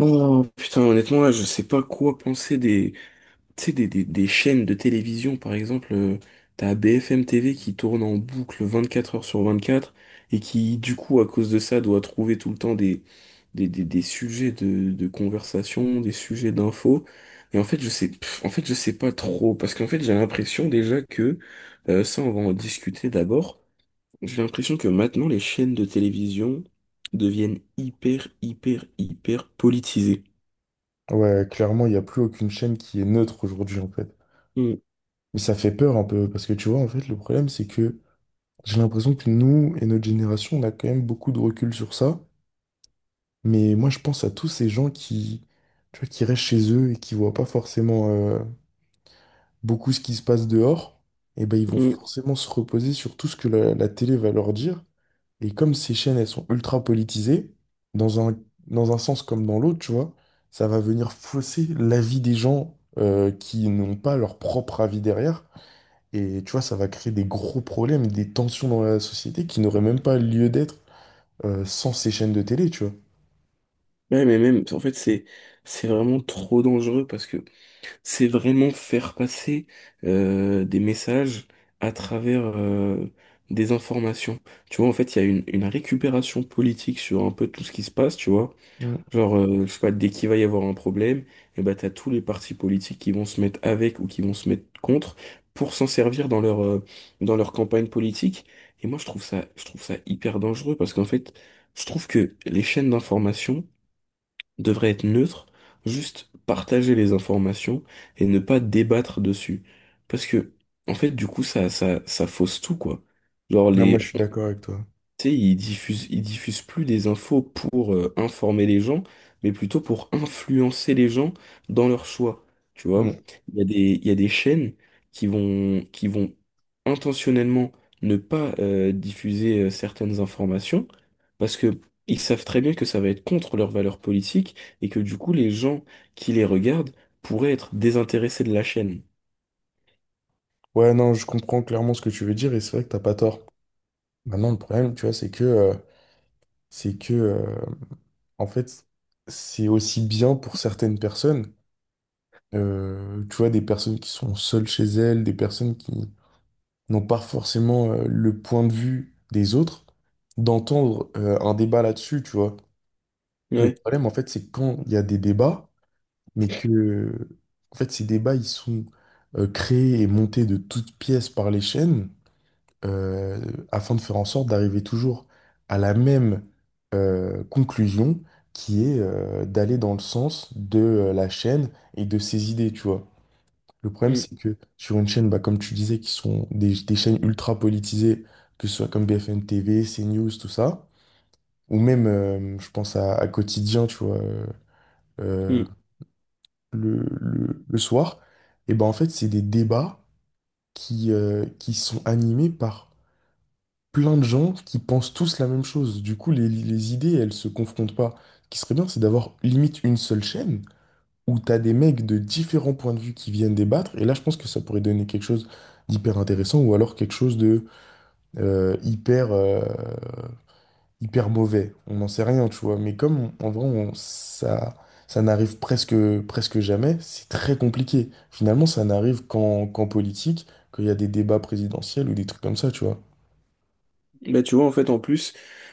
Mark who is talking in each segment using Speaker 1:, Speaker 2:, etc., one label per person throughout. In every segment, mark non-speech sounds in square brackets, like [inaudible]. Speaker 1: Oh putain, honnêtement là, je sais pas quoi penser des, tu sais, des chaînes de télévision par exemple. T'as BFM TV qui tourne en boucle 24 heures sur 24 et qui du coup à cause de ça doit trouver tout le temps des sujets de conversation, des sujets d'infos. Et en fait je sais, en fait je sais pas trop parce qu'en fait j'ai l'impression déjà que ça on va en discuter d'abord. J'ai l'impression que maintenant les chaînes de télévision deviennent hyper politisées.
Speaker 2: Ouais, clairement, il n'y a plus aucune chaîne qui est neutre aujourd'hui, en fait. Mais ça fait peur un peu, parce que tu vois, en fait, le problème, c'est que j'ai l'impression que nous et notre génération, on a quand même beaucoup de recul sur ça. Mais moi, je pense à tous ces gens qui, tu vois, qui restent chez eux et qui voient pas forcément beaucoup ce qui se passe dehors. Et ben, ils vont
Speaker 1: Mm.
Speaker 2: forcément se reposer sur tout ce que la télé va leur dire. Et comme ces chaînes, elles sont ultra politisées, dans un, dans un sens comme dans l'autre, tu vois, ça va venir fausser l'avis des gens qui n'ont pas leur propre avis derrière. Et tu vois, ça va créer des gros problèmes, des tensions dans la société qui n'auraient même pas lieu d'être sans ces chaînes de télé, tu vois.
Speaker 1: Ouais, mais même, en fait, c'est vraiment trop dangereux parce que c'est vraiment faire passer des messages à travers des informations. Tu vois, en fait, il y a une récupération politique sur un peu tout ce qui se passe, tu vois.
Speaker 2: Mm.
Speaker 1: Genre, je sais pas, dès qu'il va y avoir un problème, et ben, t'as tous les partis politiques qui vont se mettre avec ou qui vont se mettre contre pour s'en servir dans dans leur campagne politique. Et moi, je trouve ça hyper dangereux parce qu'en fait, je trouve que les chaînes d'information devrait être neutre, juste partager les informations et ne pas débattre dessus. Parce que, en fait, du coup, ça fausse tout, quoi. Genre,
Speaker 2: Non, moi,
Speaker 1: les,
Speaker 2: je suis d'accord avec toi.
Speaker 1: Tu sais, ils diffusent plus des infos pour informer les gens, mais plutôt pour influencer les gens dans leurs choix. Tu vois,
Speaker 2: Mm.
Speaker 1: il y a des, il y a des chaînes qui vont intentionnellement ne pas diffuser certaines informations parce que ils savent très bien que ça va être contre leurs valeurs politiques et que du coup, les gens qui les regardent pourraient être désintéressés de la chaîne.
Speaker 2: Ouais, non, je comprends clairement ce que tu veux dire et c'est vrai que t'as pas tort. Maintenant, le problème, tu vois, c'est que, en fait, c'est aussi bien pour certaines personnes. Tu vois, des personnes qui sont seules chez elles, des personnes qui n'ont pas forcément le point de vue des autres, d'entendre un débat là-dessus, tu vois. Le
Speaker 1: Ouais.
Speaker 2: problème, en fait, c'est quand il y a des débats, mais que, en fait, ces débats, ils sont créés et montés de toutes pièces par les chaînes euh, afin de faire en sorte d'arriver toujours à la même conclusion qui est d'aller dans le sens de la chaîne et de ses idées, tu vois. Le problème,
Speaker 1: Mm,
Speaker 2: c'est que sur une chaîne, bah, comme tu disais, qui sont des chaînes ultra politisées, que ce soit comme BFM TV, CNews, tout ça, ou même, je pense à Quotidien, tu vois, euh,
Speaker 1: mm.
Speaker 2: le soir, et ben en fait, c'est des débats qui sont animés par plein de gens qui pensent tous la même chose. Du coup, les idées, elles se confrontent pas. Ce qui serait bien, c'est d'avoir limite une seule chaîne où tu as des mecs de différents points de vue qui viennent débattre. Et là, je pense que ça pourrait donner quelque chose d'hyper intéressant ou alors quelque chose de euh, hyper, euh, hyper mauvais. On n'en sait rien, tu vois. Mais comme on- en vrai, on- ça, ça n'arrive presque, presque jamais, c'est très compliqué. Finalement, ça n'arrive qu'en politique, qu'il y a des débats présidentiels ou des trucs comme ça, tu vois.
Speaker 1: Bah, tu vois, en fait, en plus,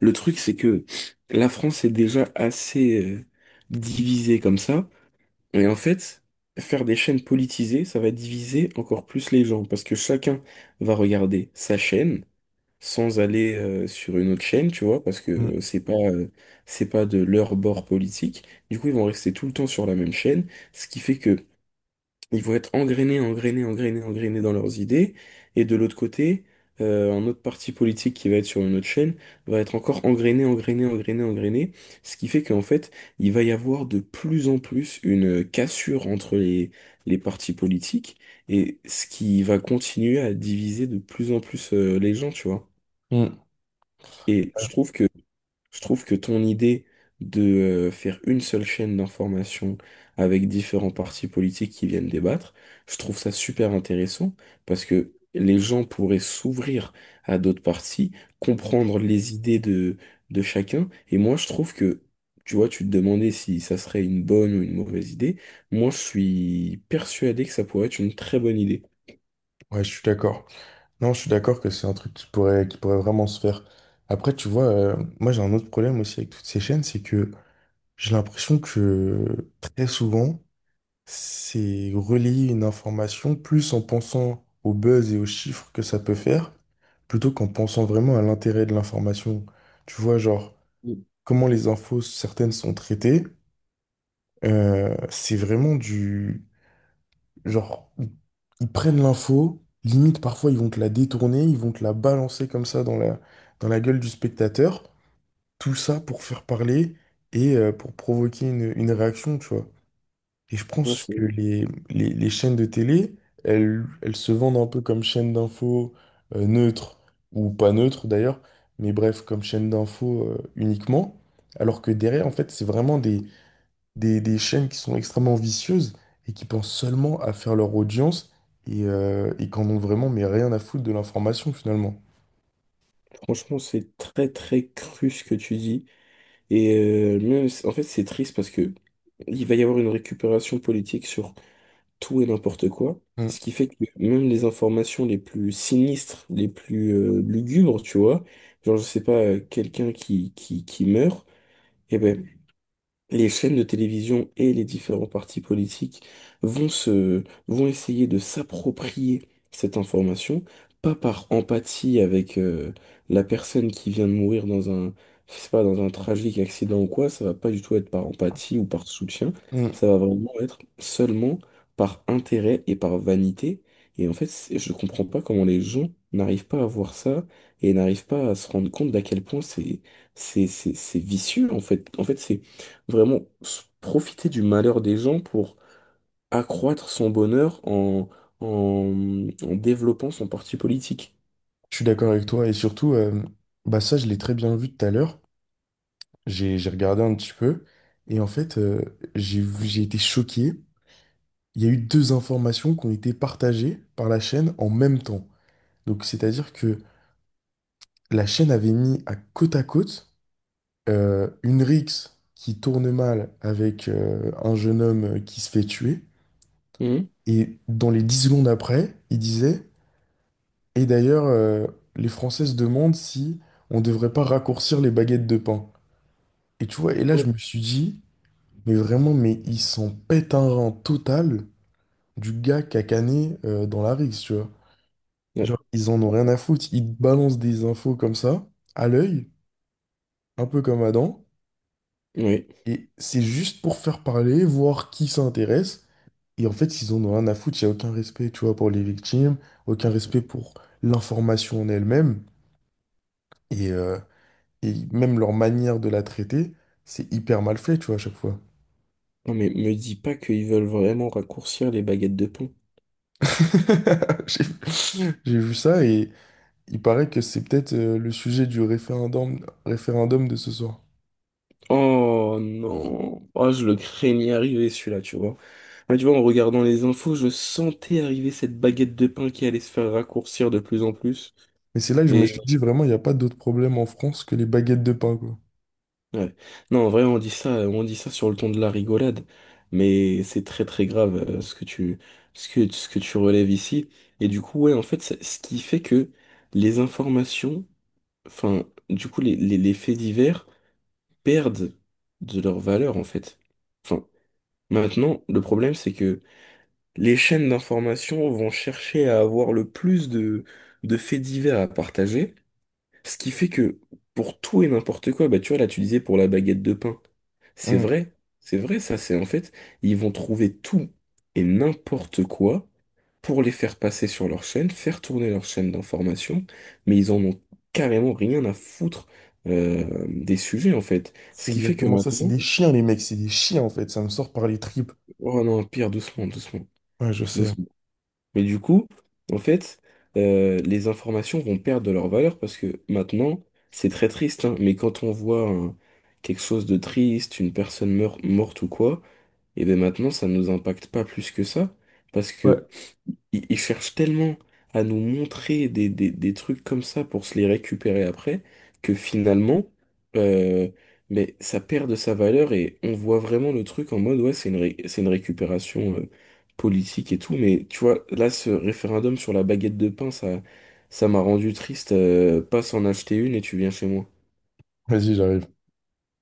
Speaker 1: le truc, c'est que la France est déjà assez divisée comme ça. Et en fait, faire des chaînes politisées, ça va diviser encore plus les gens. Parce que chacun va regarder sa chaîne sans aller sur une autre chaîne, tu vois, parce
Speaker 2: Mm.
Speaker 1: que c'est pas de leur bord politique. Du coup, ils vont rester tout le temps sur la même chaîne. Ce qui fait que ils vont être engrainés dans leurs idées. Et de l'autre côté, un autre parti politique qui va être sur une autre chaîne va être encore engrainé. Ce qui fait qu'en fait, il va y avoir de plus en plus une cassure entre les partis politiques et ce qui va continuer à diviser de plus en plus, les gens, tu vois.
Speaker 2: Mm.
Speaker 1: Et je trouve que ton idée de faire une seule chaîne d'information avec différents partis politiques qui viennent débattre, je trouve ça super intéressant parce que les gens pourraient s'ouvrir à d'autres partis, comprendre les idées de chacun. Et moi, je trouve que, tu vois, tu te demandais si ça serait une bonne ou une mauvaise idée. Moi, je suis persuadé que ça pourrait être une très bonne idée.
Speaker 2: Ouais, je suis d'accord. Non, je suis d'accord que c'est un truc qui pourrait vraiment se faire. Après, tu vois, moi j'ai un autre problème aussi avec toutes ces chaînes, c'est que j'ai l'impression que très souvent, c'est relayer une information plus en pensant au buzz et aux chiffres que ça peut faire, plutôt qu'en pensant vraiment à l'intérêt de l'information. Tu vois, genre,
Speaker 1: Mm.
Speaker 2: comment les infos, certaines sont traitées, c'est vraiment du... Genre, ils prennent l'info, limite parfois ils vont te la détourner, ils vont te la balancer comme ça dans la gueule du spectateur, tout ça pour faire parler et pour provoquer une réaction, tu vois. Et je
Speaker 1: Bon,
Speaker 2: pense
Speaker 1: c'est-
Speaker 2: que les chaînes de télé, elles se vendent un peu comme chaîne d'infos euh, neutres, neutre, ou pas neutre d'ailleurs, mais bref, comme chaîne d'infos uniquement. Alors que derrière, en fait, c'est vraiment des chaînes qui sont extrêmement vicieuses et qui pensent seulement à faire leur audience et qu'en ont vraiment mais rien à foutre de l'information finalement.
Speaker 1: Franchement, c'est très très cru ce que tu dis. Et même, en fait, c'est triste parce que il va y avoir une récupération politique sur tout et n'importe quoi,
Speaker 2: Mm,
Speaker 1: ce qui fait que même les informations les plus sinistres, les plus lugubres, tu vois, genre je sais pas, quelqu'un qui meurt, et ben les chaînes de télévision et les différents partis politiques vont essayer de s'approprier cette information, pas par empathie avec la personne qui vient de mourir dans un, je sais pas, dans un tragique accident ou quoi, ça va pas du tout être par empathie ou par soutien,
Speaker 2: mm.
Speaker 1: ça va vraiment être seulement par intérêt et par vanité. Et en fait, je comprends pas comment les gens n'arrivent pas à voir ça et n'arrivent pas à se rendre compte d'à quel point c'est vicieux, en fait. En fait, c'est vraiment profiter du malheur des gens pour accroître son bonheur en développant son parti politique.
Speaker 2: Je suis d'accord avec toi et surtout, bah ça, je l'ai très bien vu tout à l'heure. J'ai regardé un petit peu et en fait, j'ai été choqué. Il y a eu deux informations qui ont été partagées par la chaîne en même temps. Donc, c'est-à-dire que la chaîne avait mis à côte une rixe qui tourne mal avec un jeune homme qui se fait tuer.
Speaker 1: Mhm.
Speaker 2: Et dans les 10 secondes après, il disait, et d'ailleurs, les Français se demandent si on devrait pas raccourcir les baguettes de pain. Et tu vois, et là, je me suis dit, mais vraiment, mais ils s'en pète un rang total du gars qui a cané dans la rixe, tu vois.
Speaker 1: Ouais.
Speaker 2: Genre, ils en ont rien à foutre. Ils te balancent des infos comme ça, à l'œil, un peu comme Adam.
Speaker 1: Oui.
Speaker 2: Et c'est juste pour faire parler, voir qui s'intéresse. Et en fait, ils en ont rien à foutre. Il n'y a aucun respect, tu vois, pour les victimes, aucun respect pour l'information en elle-même. Et, euh, et même leur manière de la traiter, c'est hyper mal fait, tu vois, à chaque fois.
Speaker 1: Non mais me dis pas qu'ils veulent vraiment raccourcir les baguettes de pain.
Speaker 2: [laughs] J'ai j'ai vu ça. Il paraît que c'est peut-être le sujet du référendum de ce soir.
Speaker 1: Oh non. Oh, je le craignais arriver celui-là, tu vois. Ah, tu vois, en regardant les infos, je sentais arriver cette baguette de pain qui allait se faire raccourcir de plus en plus.
Speaker 2: Mais c'est là que je me
Speaker 1: Et
Speaker 2: suis dit vraiment, il n'y a pas d'autre problème en France que les baguettes de pain, quoi.
Speaker 1: Ouais. Non, en vrai, on dit ça sur le ton de la rigolade, mais c'est très très grave ce que tu, ce que tu relèves ici. Et du coup, ouais, en fait, ce qui fait que les informations, enfin, du coup, les faits divers perdent de leur valeur, en fait. Enfin, maintenant, le problème, c'est que les chaînes d'information vont chercher à avoir le plus de faits divers à partager. Ce qui fait que pour tout et n'importe quoi, bah tu vois, là tu disais pour la baguette de pain. C'est
Speaker 2: Hum,
Speaker 1: vrai, c'est en fait, ils vont trouver tout et n'importe quoi pour les faire passer sur leur chaîne, faire tourner leur chaîne d'information, mais ils en ont carrément rien à foutre des sujets en fait.
Speaker 2: C'est
Speaker 1: Ce qui fait que
Speaker 2: exactement ça, c'est
Speaker 1: maintenant,
Speaker 2: des chiens, les mecs, c'est des chiens en fait, ça me sort par les tripes.
Speaker 1: oh non, pire,
Speaker 2: Ouais, je sais.
Speaker 1: doucement. Mais du coup, en fait, les informations vont perdre de leur valeur parce que maintenant, c'est très triste, hein, mais quand on voit quelque chose de triste, une personne morte ou quoi, et bien maintenant, ça ne nous impacte pas plus que ça. Parce que
Speaker 2: Ouais.
Speaker 1: ils cherchent tellement à nous montrer des trucs comme ça pour se les récupérer après, que finalement, euh, mais ça perd de sa valeur et on voit vraiment le truc en mode, ouais, c'est une récupération politique et tout, mais tu vois, là, ce référendum sur la baguette de pain, ça m'a rendu triste, passe en acheter une et tu viens chez moi.
Speaker 2: Vas-y, j'arrive.